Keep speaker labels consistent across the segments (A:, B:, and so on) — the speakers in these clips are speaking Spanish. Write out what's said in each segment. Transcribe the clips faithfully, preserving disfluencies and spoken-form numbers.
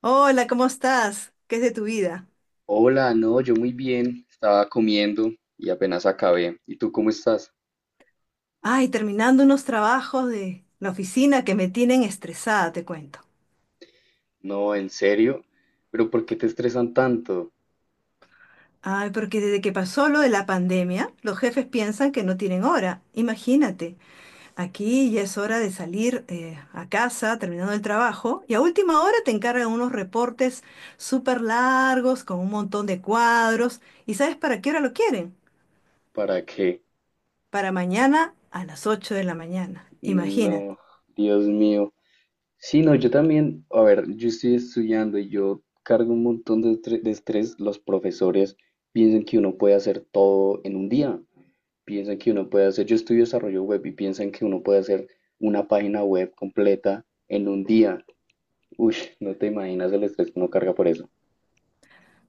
A: Hola, ¿cómo estás? ¿Qué es de tu vida?
B: Hola, no, yo muy bien, estaba comiendo y apenas acabé. ¿Y tú cómo estás?
A: Ay, terminando unos trabajos de la oficina que me tienen estresada, te cuento.
B: No, en serio, pero ¿por qué te estresan tanto?
A: Ay, porque desde que pasó lo de la pandemia, los jefes piensan que no tienen hora. Imagínate, aquí ya es hora de salir eh, a casa terminando el trabajo y a última hora te encargan unos reportes súper largos con un montón de cuadros. ¿Y sabes para qué hora lo quieren?
B: ¿Para qué?
A: Para mañana a las ocho de la mañana. Imagínate.
B: No, Dios mío. Sí, no, yo también, a ver, yo estoy estudiando y yo cargo un montón de estre- de estrés. Los profesores piensan que uno puede hacer todo en un día, piensan que uno puede hacer, yo estudio desarrollo web y piensan que uno puede hacer una página web completa en un día. Uy, no te imaginas el estrés que uno carga por eso.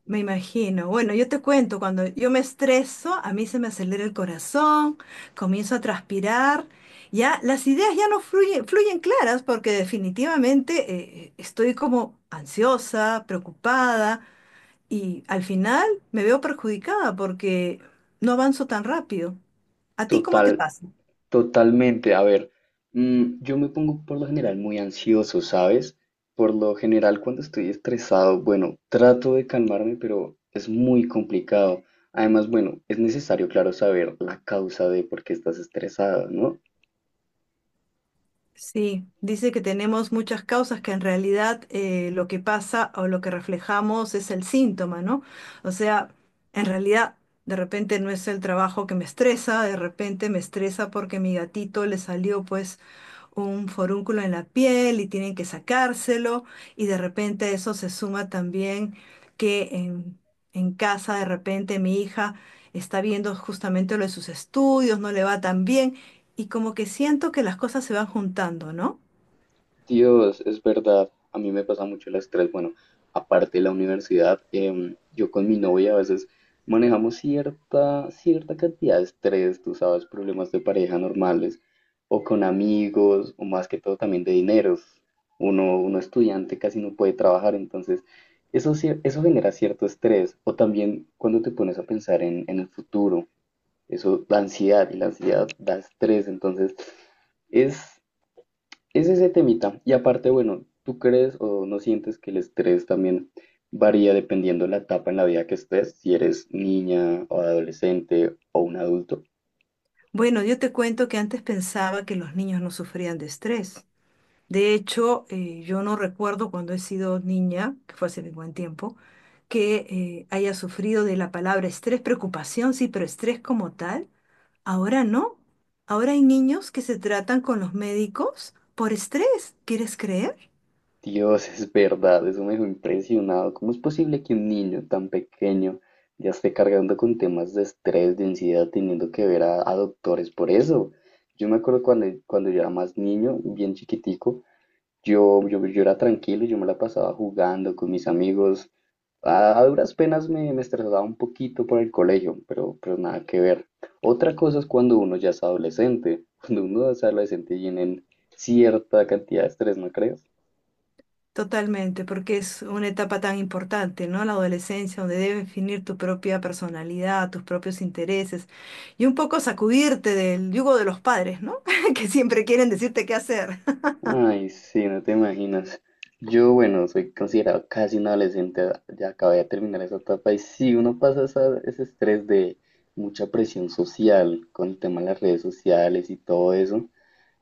A: Me imagino. Bueno, yo te cuento, cuando yo me estreso, a mí se me acelera el corazón, comienzo a transpirar, ya las ideas ya no fluyen, fluyen claras porque definitivamente eh, estoy como ansiosa, preocupada y al final me veo perjudicada porque no avanzo tan rápido. ¿A ti cómo te
B: Total,
A: pasa?
B: totalmente. A ver, mm, yo me pongo por lo general muy ansioso, ¿sabes? Por lo general cuando estoy estresado, bueno, trato de calmarme, pero es muy complicado. Además, bueno, es necesario, claro, saber la causa de por qué estás estresado, ¿no?
A: Sí, dice que tenemos muchas causas que en realidad eh, lo que pasa o lo que reflejamos es el síntoma, ¿no? O sea, en realidad de repente no es el trabajo que me estresa, de repente me estresa porque mi gatito le salió pues un forúnculo en la piel y tienen que sacárselo y de repente eso se suma también que en, en casa de repente mi hija está viendo justamente lo de sus estudios, no le va tan bien y como que siento que las cosas se van juntando, ¿no?
B: Dios, es verdad. A mí me pasa mucho el estrés. Bueno, aparte de la universidad, em, yo con mi novia a veces manejamos cierta, cierta cantidad de estrés, tú sabes, problemas de pareja normales, o con amigos, o más que todo también de dineros. Uno, uno estudiante casi no puede trabajar, entonces eso, cier- eso genera cierto estrés. O también cuando te pones a pensar en, en el futuro, eso da ansiedad y la ansiedad da estrés, entonces... Es, es ese temita. Y aparte, bueno, ¿tú crees o no sientes que el estrés también varía dependiendo de la etapa en la vida que estés? Si eres niña o adolescente o un adulto.
A: Bueno, yo te cuento que antes pensaba que los niños no sufrían de estrés. De hecho, eh, yo no recuerdo cuando he sido niña, que fue hace buen tiempo, que eh, haya sufrido de la palabra estrés, preocupación, sí, pero estrés como tal. Ahora no. Ahora hay niños que se tratan con los médicos por estrés. ¿Quieres creer?
B: Dios, es verdad, eso me dejó impresionado. ¿Cómo es posible que un niño tan pequeño ya esté cargando con temas de estrés, de ansiedad, teniendo que ver a, a doctores por eso? Yo me acuerdo cuando, cuando yo era más niño, bien chiquitico, yo, yo, yo era tranquilo, yo me la pasaba jugando con mis amigos. A, a duras penas me, me estresaba un poquito por el colegio, pero, pero nada que ver. Otra cosa es cuando uno ya es adolescente. Cuando uno es adolescente tienen cierta cantidad de estrés, ¿no crees?
A: Totalmente, porque es una etapa tan importante, ¿no? La adolescencia, donde debes definir tu propia personalidad, tus propios intereses y un poco sacudirte del yugo de los padres, ¿no? Que siempre quieren decirte qué hacer.
B: Ay, sí, no te imaginas. Yo, bueno, soy considerado casi un adolescente, ya acabé de terminar esa etapa y sí, uno pasa esa- ese estrés de mucha presión social con el tema de las redes sociales y todo eso.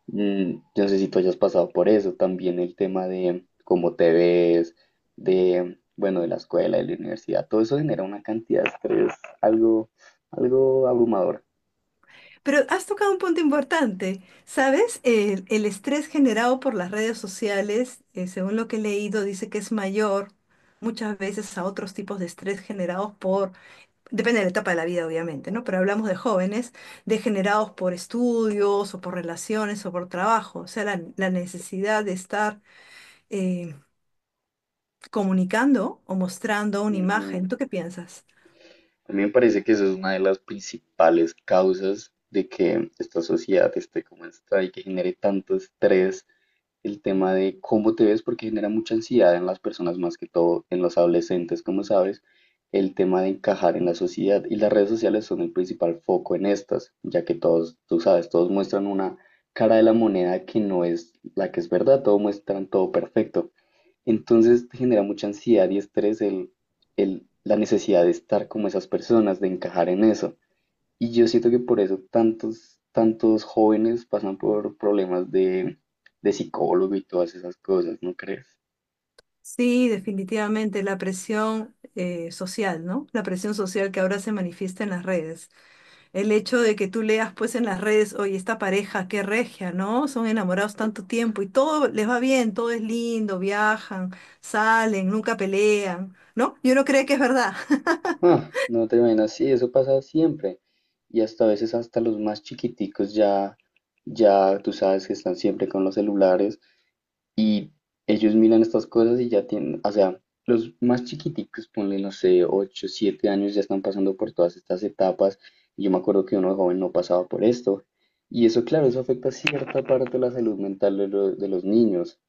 B: Mm, no sé si tú hayas pasado por eso, también el tema de cómo te ves, de, bueno, de la escuela, de la universidad, todo eso genera una cantidad de estrés, algo, algo abrumador.
A: Pero has tocado un punto importante, ¿sabes? El, el estrés generado por las redes sociales, eh, según lo que he leído, dice que es mayor muchas veces a otros tipos de estrés generados por Depende de la etapa de la vida, obviamente, ¿no? Pero hablamos de jóvenes degenerados por estudios o por relaciones o por trabajo. O sea, la, la necesidad de estar eh, comunicando o mostrando una
B: Ujú.
A: imagen. ¿Tú qué piensas?
B: A mí me parece que eso es una de las principales causas de que esta sociedad esté como está y que genere tanto estrés el tema de cómo te ves, porque genera mucha ansiedad en las personas, más que todo en los adolescentes, como sabes, el tema de encajar en la sociedad. Y las redes sociales son el principal foco en estas, ya que todos, tú sabes, todos muestran una cara de la moneda que no es la que es verdad, todos muestran todo perfecto. Entonces te genera mucha ansiedad y estrés el, el, la necesidad de estar como esas personas, de encajar en eso. Y yo siento que por eso tantos, tantos jóvenes pasan por problemas de, de psicólogo y todas esas cosas, ¿no crees?
A: Sí, definitivamente la presión eh, social, ¿no? La presión social que ahora se manifiesta en las redes. El hecho de que tú leas pues en las redes, oye, esta pareja, qué regia, ¿no? Son enamorados tanto tiempo y todo les va bien, todo es lindo, viajan, salen, nunca pelean, ¿no? Yo no creo que es verdad.
B: Ah, no te imaginas, sí, eso pasa siempre. Y hasta a veces hasta los más chiquiticos ya, ya tú sabes que están siempre con los celulares. Y ellos miran estas cosas y ya tienen, o sea, los más chiquiticos, ponle, no sé, ocho siete años, ya están pasando por todas estas etapas. Y yo me acuerdo que uno de joven no pasaba por esto. Y eso, claro, eso afecta cierta parte de la salud mental de, lo- de los niños.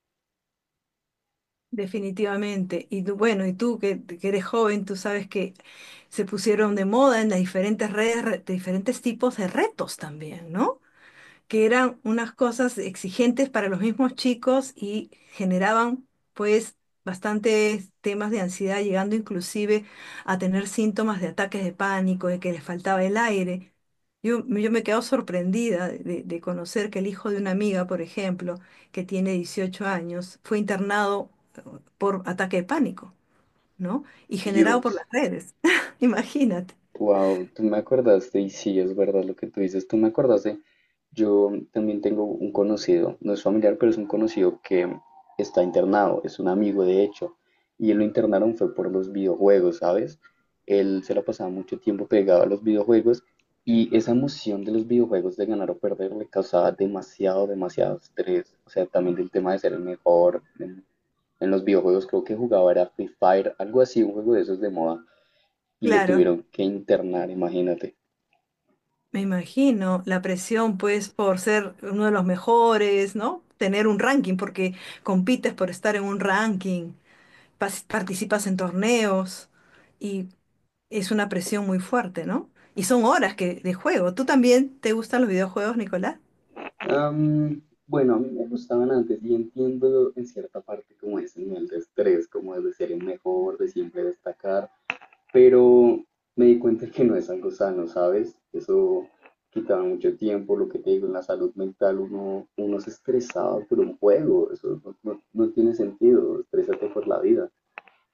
A: Definitivamente. Y tú, bueno, y tú que, que eres joven, tú sabes que se pusieron de moda en las diferentes redes, re- diferentes tipos de retos también, ¿no? Que eran unas cosas exigentes para los mismos chicos y generaban pues bastantes temas de ansiedad, llegando inclusive a tener síntomas de ataques de pánico, de que les faltaba el aire. Yo, yo me quedo sorprendida de, de conocer que el hijo de una amiga, por ejemplo, que tiene dieciocho años, fue internado eh, por ataque de pánico, ¿no? Y generado por
B: Dios.
A: las redes. Imagínate.
B: Wow, tú me acordaste, y sí, es verdad lo que tú dices, tú me acordaste. Yo también tengo un conocido, no es familiar, pero es un conocido que está internado, es un amigo de hecho, y él lo internaron fue por los videojuegos, ¿sabes? Él se la pasaba mucho tiempo pegado a los videojuegos y esa emoción de los videojuegos de ganar o perder le causaba demasiado, demasiado estrés. O sea, también del tema de ser el mejor en, en los videojuegos, creo que jugaba era Free Fire, algo así, un juego de esos de moda y lo
A: Claro.
B: tuvieron que internar, imagínate.
A: Me imagino la presión, pues, por ser uno de los mejores, ¿no? Tener un ranking, porque compites por estar en un ranking, pas- participas en torneos y es una presión muy fuerte, ¿no? Y son horas que, de juego. ¿Tú también te gustan los videojuegos, Nicolás?
B: Am, bueno, a mí me gustaban antes y entiendo en cierta parte como ese nivel de estrés, como es de ser el mejor, de siempre destacar, pero me di cuenta que no es algo sano, ¿sabes? Eso quitaba mucho tiempo, lo que te digo, en la salud mental uno, uno se estresaba por un juego, eso no, no- no tiene sentido, estrésate por la vida.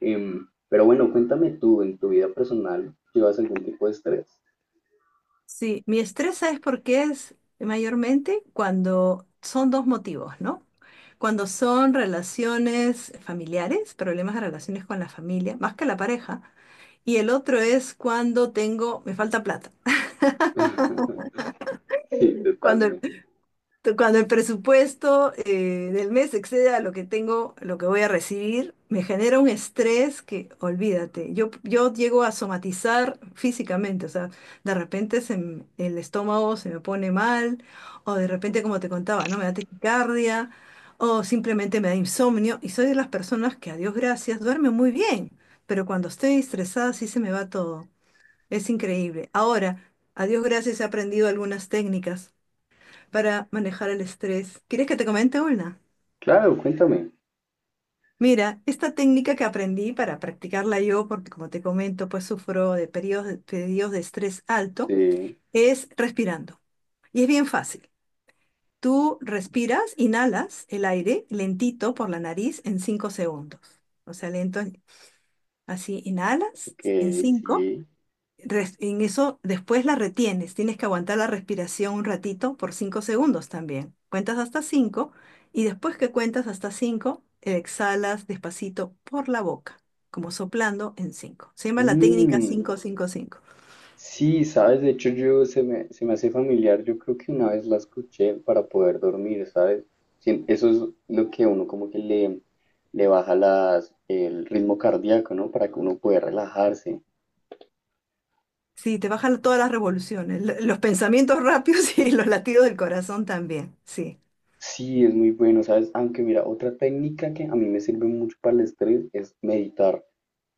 B: Em, pero bueno, cuéntame tú, en tu vida personal, ¿llevas algún tipo de estrés?
A: Sí, mi estrés, ¿sabes por qué es mayormente? Cuando son dos motivos, ¿no? Cuando son relaciones familiares, problemas de relaciones con la familia, más que la pareja. Y el otro es cuando tengo, me falta plata.
B: Sí,
A: Cuando el
B: totalmente.
A: Tú, Cuando el presupuesto eh, del mes excede a lo que tengo, lo que voy a recibir, me genera un estrés que, olvídate, yo, yo llego a somatizar físicamente, o sea, de repente se m- el estómago se me pone mal, o de repente, como te contaba, ¿no? Me da taquicardia, o simplemente me da insomnio, y soy de las personas que, a Dios gracias, duerme muy bien, pero cuando estoy estresada sí se me va todo, es increíble. Ahora, a Dios gracias he aprendido algunas técnicas para manejar el estrés. ¿Quieres que te comente una?
B: Claro, cuéntame.
A: Mira, esta técnica que aprendí para practicarla yo, porque como te comento, pues sufro de periodos de, periodos de estrés alto,
B: Sí,
A: es respirando. Y es bien fácil. Tú respiras, inhalas el aire lentito por la nariz en cinco segundos. O sea, lento, así inhalas
B: ok,
A: en cinco.
B: sí.
A: Res- en eso después la retienes, tienes que aguantar la respiración un ratito por cinco segundos también. Cuentas hasta cinco y después que cuentas hasta cinco exhalas despacito por la boca, como soplando en cinco. Se llama la técnica
B: Mm,
A: cinco cinco cinco.
B: sí, sabes, de hecho yo se me, se me hace familiar, yo creo que una vez la escuché para poder dormir, ¿sabes? Sí, eso es lo que uno como que le, le baja las, el ritmo cardíaco, ¿no? Para que uno pueda relajarse.
A: Sí, te bajan todas las revoluciones, lo- los pensamientos rápidos y los latidos del corazón también. Sí,
B: Sí, es muy bueno, ¿sabes? Aunque mira, otra técnica que a mí me sirve mucho para el estrés es meditar.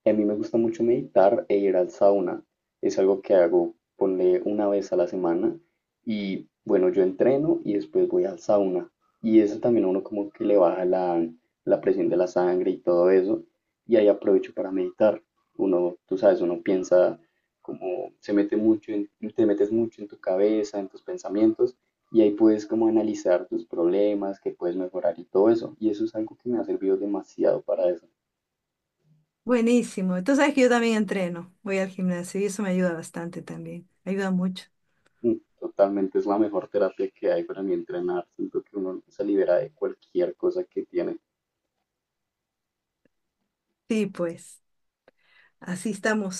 B: Y a mí me gusta mucho meditar e ir al sauna. Es algo que hago, ponle una vez a la semana. Y bueno, yo entreno y después voy al sauna. Y eso también a uno como que le baja la, la presión de la sangre y todo eso. Y ahí aprovecho para meditar. Uno, tú sabes, uno piensa como se mete mucho en, te metes mucho en tu cabeza, en tus pensamientos. Y ahí puedes como analizar tus problemas, que puedes mejorar y todo eso. Y eso es algo que me ha servido demasiado para desarrollar.
A: buenísimo. Tú sabes que yo también entreno, voy al gimnasio y eso me ayuda bastante también. Ayuda mucho.
B: Mm, Totalmente es la mejor terapia que hay para mí entrenar. Siento que uno se libera de cualquier cosa que tiene.
A: Sí, pues. Así estamos,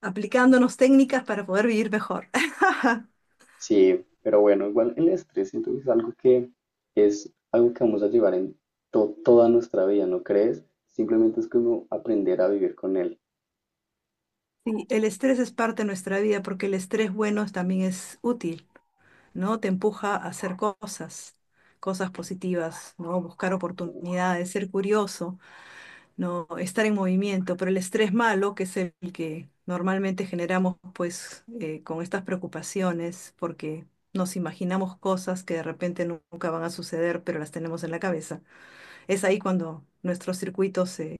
A: aplicándonos técnicas para poder vivir mejor.
B: Sí, pero bueno, igual el estrés siento que es algo que es algo que vamos a llevar en to- toda nuestra vida, ¿no crees? Simplemente es como aprender a vivir con él.
A: Sí, el estrés es parte de nuestra vida porque el estrés bueno también es útil, ¿no? Te empuja a hacer cosas, cosas positivas, ¿no? Buscar
B: Mm,
A: oportunidades, ser curioso, ¿no? Estar en movimiento, pero el estrés malo, que es el que normalmente generamos pues eh, con estas preocupaciones porque nos imaginamos cosas que de repente nunca van a suceder, pero las tenemos en la cabeza. Es ahí cuando nuestros circuitos se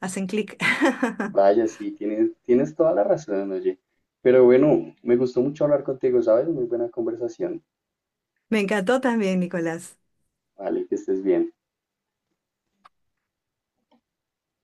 A: hacen clic.
B: Vaya, sí, tienes, tienes toda la razón, oye. Pero bueno, me gustó mucho hablar contigo, ¿sabes? Muy buena conversación.
A: Me encantó también, Nicolás.
B: Vale, que estés bien.